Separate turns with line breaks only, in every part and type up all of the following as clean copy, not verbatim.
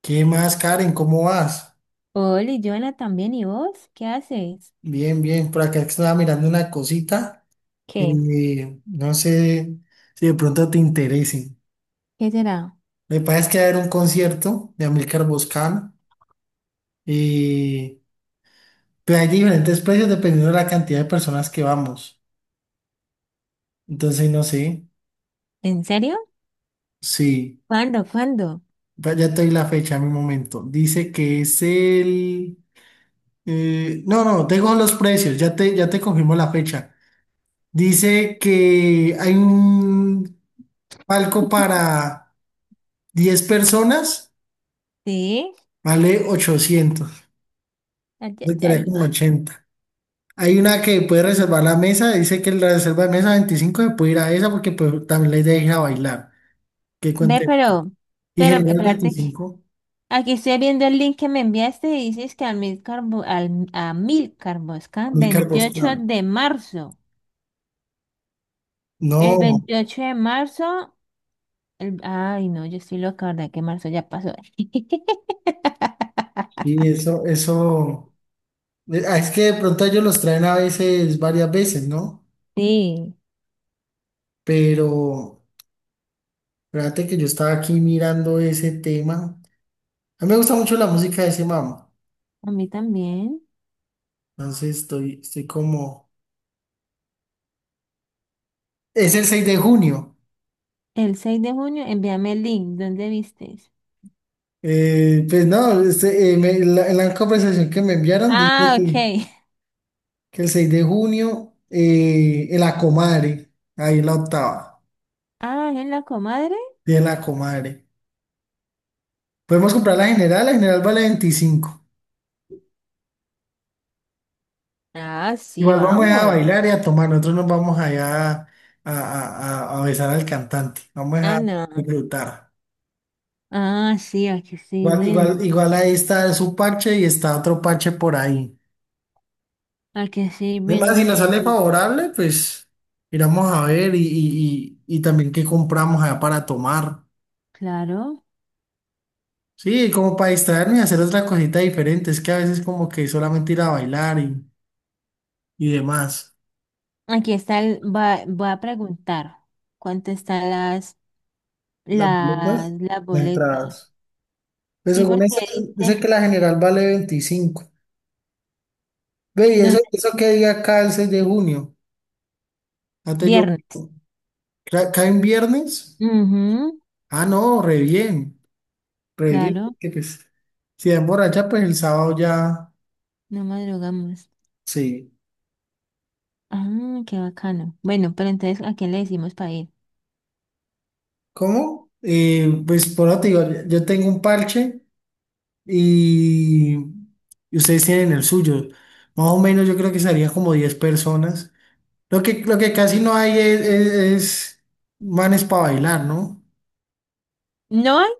¿Qué más, Karen? ¿Cómo vas?
Hola, y Joana también, ¿y vos? ¿Qué haces?
Bien, bien. Por acá estaba mirando una cosita.
¿Qué?
No sé si de pronto te interese.
¿Qué será?
Me parece que va a haber un concierto de Amilcar Boscan. eh, pero hay diferentes precios dependiendo de la cantidad de personas que vamos. Entonces, no sé.
¿En serio?
Sí,
¿Cuándo? ¿Cuándo?
ya te doy la fecha en mi momento. Dice que es el... No, no, tengo los precios. Ya te confirmo la fecha. Dice que hay un palco para 10 personas
Sí.
vale 800.
Ay, ay,
Eso quedaría
ay.
como 80. Hay una que puede reservar la mesa, dice que la reserva de mesa 25 se puede ir a esa porque pues, también la idea es ir a bailar. Que
Ve,
cuente. Y
pero,
general
espérate.
25.
Aquí estoy viendo el link que me enviaste y dices que al Milcar, Bo- al, a Milcar Bosca,
Amílcar
28
Boscán.
de marzo. El
No,
28 de marzo. El- ay, no, yo estoy loca, ¿verdad? Que marzo ya pasó.
sí, eso, eso. Es que de pronto ellos los traen a veces, varias veces, ¿no?
Sí.
Pero, fíjate que yo estaba aquí mirando ese tema. A mí me gusta mucho la música de ese mamá.
A mí también.
Entonces estoy como... Es el 6 de junio.
El 6 de junio, envíame el link. ¿Dónde viste?
Pues no, en la conversación que me enviaron dice
Ah, ok.
que el 6 de junio, en la Comare, ahí en la octava,
Ah, ¿es la comadre?
y en la Comare. Podemos comprar
Mm.
la general vale 25.
Ah, sí,
Igual vamos a
vamos.
bailar y a tomar, nosotros nos vamos allá a besar al cantante, vamos
Ah,
a
no.
disfrutar.
Ah, sí, aquí estoy viendo.
Igual ahí está su parche y está otro parche por ahí.
Aquí estoy
Además, si
viendo
nos
qué
sale
dice.
favorable, pues miramos a ver y también qué compramos allá para tomar.
Claro.
Sí, como para distraerme y hacer otra cosita diferente. Es que a veces como que solamente ir a bailar y demás.
Aquí está el, va, voy a preguntar cuánto están las,
Las boletas,
las, las
las
boletas.
entradas. Pues
Sí,
según
porque
ese, dice
dice,
que la general vale veinticinco. Ve, ¿y eso,
¿dónde?
eso qué día cae el 6 de junio? Antes yo,
Viernes.
cae en viernes?
Ujú,
Ah, no, re bien,
claro,
porque pues si es borracha, pues el sábado ya,
no madrugamos.
sí.
Ah, qué bacano. Bueno, pero entonces, ¿a quién le decimos para ir?
¿Cómo? Pues por ahora te digo, yo tengo un parche y, y ustedes tienen el suyo. Más o menos yo creo que serían como 10 personas. Lo que casi no hay es manes para bailar, ¿no?
¿No hay?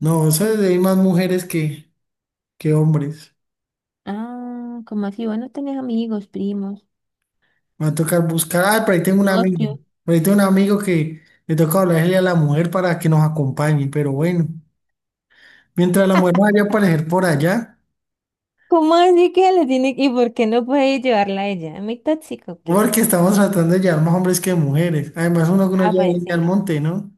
No, hay más mujeres que hombres.
Ah, como así? Bueno, tenés amigos, primos.
Me va a tocar buscar. Ah, por ahí tengo un
No,
amigo.
yo-
Por ahí tengo un amigo que le toca hablarle a la mujer para que nos acompañe. Pero bueno, mientras la mujer vaya a aparecer por allá.
¿Cómo así que le tiene que- y por qué no puede llevarla a ella? ¿Muy tóxico o qué?
Porque estamos tratando de llevar más hombres que mujeres. Además, uno que uno
Ah,
lleva
pues
leña al
sí.
monte, ¿no?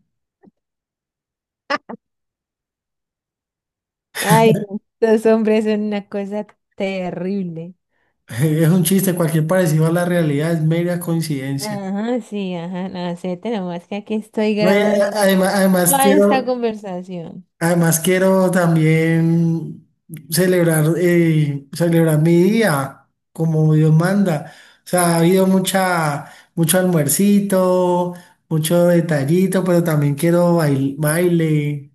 Ay, no, los hombres son una cosa terrible.
Es un chiste, cualquier parecido a la realidad es mera coincidencia.
Ajá, sí, ajá, no acepta nomás que aquí estoy
No,
grabando toda esta conversación.
además quiero también celebrar, celebrar mi día como Dios manda. O sea, ha habido mucho almuercito, mucho detallito, pero también quiero baile.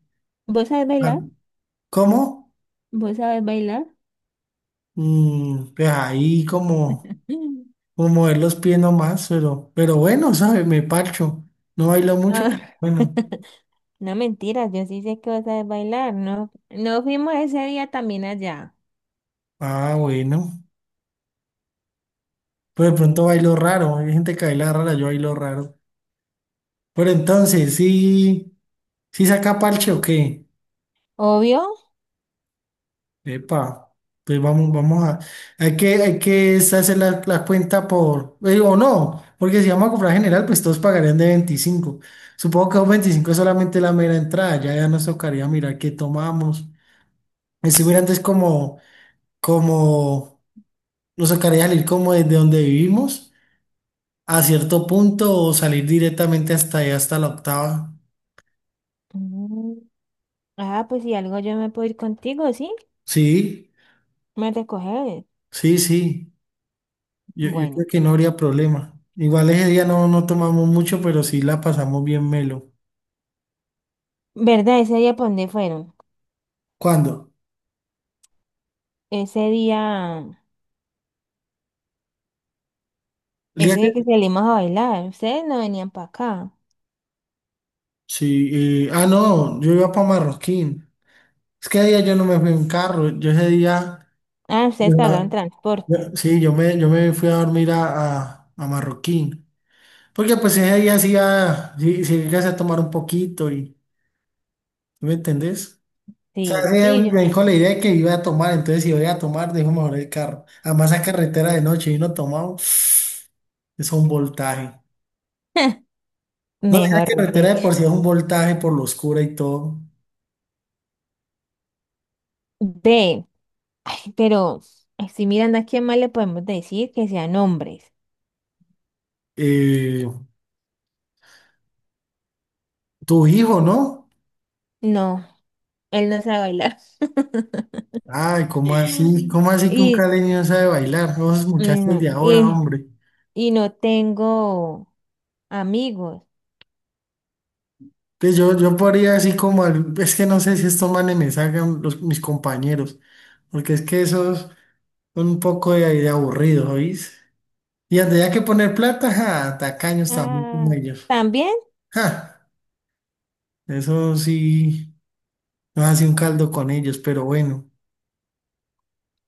¿Vos sabés
Ah,
bailar?
¿cómo?
¿Vos sabés bailar?
Mm, pues ahí como,
Mm.
o mover los pies nomás, pero bueno, ¿sabes? Me parcho. No bailo mucho.
Ah,
Bueno,
no mentiras, yo sí sé que vos sabés bailar, ¿no? ¿No fuimos ese día también allá?
ah, bueno. Pero de pronto bailo raro. Hay gente que baila rara, yo bailo raro. Pero entonces, sí, ¿sí saca parche o qué?
Obvio.
Epa, pues vamos, vamos a. Hay que hacer la cuenta por. O no, porque si vamos a comprar general, pues todos pagarían de veinticinco. Supongo que un 25 es solamente la mera entrada. Ya, ya nos tocaría mirar qué tomamos. Estuviera antes como, como, nos tocaría salir como desde donde vivimos a cierto punto o salir directamente hasta allá, hasta la octava.
Mm. Ah, pues si algo yo me puedo ir contigo, ¿sí?
Sí,
Me recoges.
sí. Yo
Bueno,
creo que no habría problema. Igual ese día no, no tomamos mucho, pero sí la pasamos bien melo.
¿verdad? Ese día, ¿para dónde fueron?
¿Cuándo?
Ese día,
¿El día
ese día que
que-
salimos a bailar, ustedes no venían para acá.
Sí, no, yo iba para Marroquín. Es que ese día yo no me fui en carro. Yo ese día,
Ah, ustedes
ah,
pagaron transporte.
sí, yo me fui a dormir a Marroquín. Porque pues ese día sí, sí, sí alcancé a tomar un poquito y. ¿Me entendés? O sea,
Sí, sí,
ese
yo.
me dijo la idea de que iba a tomar, entonces si voy a tomar, dejo mejor el carro. Además, esa carretera de noche y no tomamos, es un voltaje. No, esa
Mejor
carretera de
dicho.
por sí es un voltaje por lo oscura y todo.
Ve, ay, pero estoy mirando a quién más le podemos decir que sean hombres.
Eh, tu hijo, ¿no?
No, él no sabe bailar.
Ay, ¿cómo así? ¿Cómo así que un
Y,
caleño no sabe bailar? No, esos muchachos de
no,
ahora,
y,
hombre.
y no tengo amigos.
Pues yo podría así como, es que no sé si estos manes me sacan los, mis compañeros, porque es que esos son un poco de aburridos, ¿oís? Y tendría que poner plata, ja, tacaños también como
Ah,
ellos.
¿también?
Ja, eso sí, nos hace un caldo con ellos, pero bueno.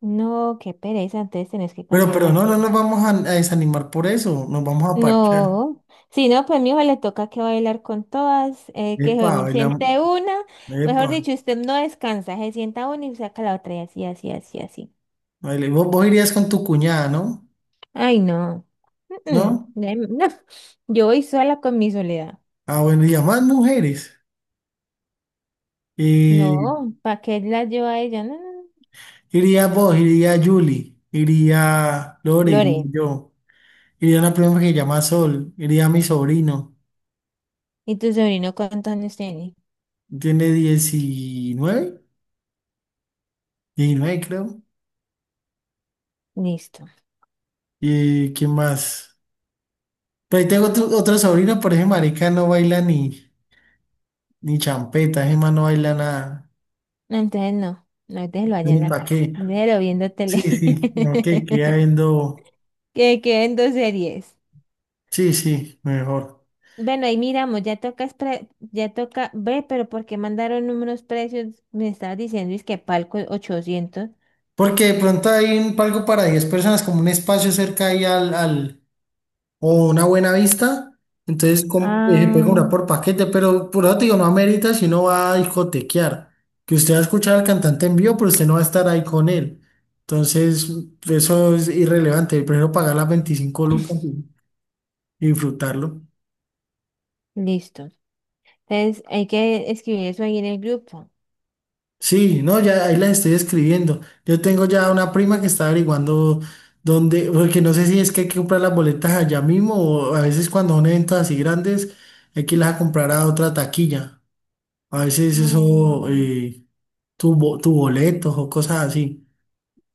No, qué pereza, entonces tenés que cambiar de
Pero no, no
amigos.
nos vamos a desanimar por eso, nos vamos a parchar.
No, si no, pues mi hijo le toca que bailar con todas, que
Epa,
se
baila,
siente una,
epa,
mejor dicho, usted no descansa, se sienta una y saca la otra y así, así, así, así.
baila. Vos irías con tu cuñada, ¿no?
Ay, no, mm,
¿No?
mm, ay, no, yo voy sola con mi soledad.
Ah, bueno, y a más mujeres. Eh,
No, ¿para qué la llevo a ella? No, no, no.
iría vos, iría Julie, iría Lore, iría
Lore,
yo, iría una prima que se llama Sol, iría mi sobrino,
¿y tu sobrino cuántos años tiene?
tiene 19, 19 creo.
Listo.
¿Y quién más? Pero ahí tengo otro sobrino, por ejemplo, marica no baila ni, ni champeta. Ese Gemma no baila nada.
No, entonces no, no déjelo
Yo
allá en
ni
la
para
casa,
qué.
déjelo viendo tele.
Sí, sí, ok, queda viendo.
Que queden dos series.
Sí, sí, mejor.
Bueno, ahí miramos, ya toca, espre- ya toca ve, pero ¿por qué mandaron números precios? Me estabas diciendo, ¿es que palco 800?
Porque de pronto hay un, algo para 10 personas, como un espacio cerca ahí al, o una buena vista, entonces se puede
Ah,
comprar por paquete, pero por eso te digo, no amerita si no va a discotequear, que usted va a escuchar al cantante en vivo, pero usted no va a estar ahí con él. Entonces, eso es irrelevante, prefiero pagar las 25 lucas y disfrutarlo.
listo. Entonces, hay que escribir eso ahí en el grupo.
Sí, no, ya ahí las estoy escribiendo. Yo tengo ya una prima que está averiguando dónde, porque no sé si es que hay que comprar las boletas allá mismo o a veces cuando son eventos así grandes hay que irlas a comprar a otra taquilla. A veces eso,
Mm.
tu boletos o cosas así.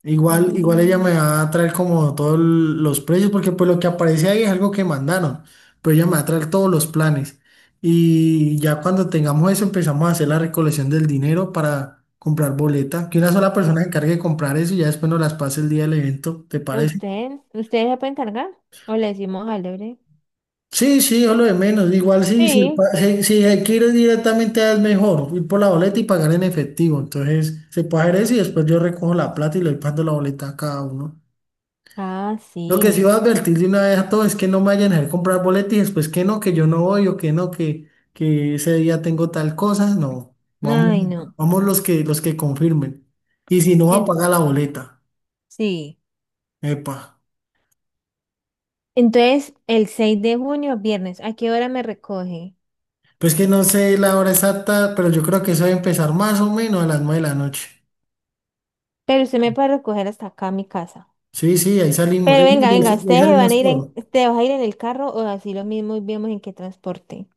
Igual ella me
Mm.
va a traer como todos los precios, porque pues lo que aparece ahí es algo que mandaron, pero ella me va a traer todos los planes. Y ya cuando tengamos eso empezamos a hacer la recolección del dinero para comprar boleta, que una sola persona
eh,
se encargue de comprar eso y ya después nos las pase el día del evento, ¿te parece?
¿Usted? ¿Usted se puede encargar? ¿O le decimos al Lebre?
Sí, sí, o lo de menos. Igual sí, si,
Sí.
si se directamente es mejor ir por la boleta y pagar en efectivo. Entonces se puede hacer eso y después yo recojo la plata y le voy pagando la boleta a cada uno.
Ah,
Lo que sí
sí.
voy a advertir de una vez a todos es que no me vayan a dejar comprar boleta y después que no, que yo no voy o que no, que ese día tengo tal cosa. No, vamos,
Ay, no.
vamos los que confirmen. Y si no, va a
En-
pagar la boleta.
sí.
Epa.
Entonces, el 6 de junio, viernes, ¿a qué hora me recoge?
Pues que no sé la hora exacta, pero yo creo que eso debe empezar más o menos a las 9 de la noche.
Pero usted me puede recoger hasta acá a mi casa.
Sí, sí, ahí salimos,
Pero venga, venga,
ahí
ustedes se van a
salimos
ir en,
todo.
ustedes vas a ir en el carro o así lo mismo y vemos en qué transporte.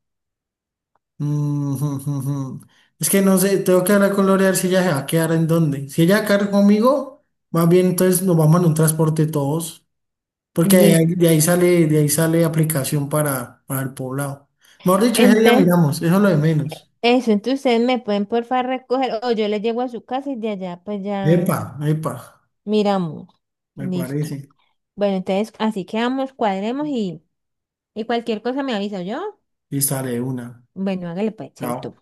Mm, jum, jum, jum. Es que no sé, tengo que hablar con Lore a ver si ella se va a quedar en dónde. Si ella va a quedar conmigo, más bien entonces nos vamos en un transporte todos, porque
Listo.
de ahí sale aplicación para el poblado. Mejor dicho, ese día
Entonces,
miramos, eso es lo de menos.
eso, entonces ustedes me pueden por favor recoger o yo les llego a su casa y de allá pues ya
Epa,
miramos.
me
Listo.
parece.
Bueno, entonces así quedamos, cuadremos y cualquier cosa me avisa yo.
Y sale una.
Bueno, hágale pues, chaito.
Chao.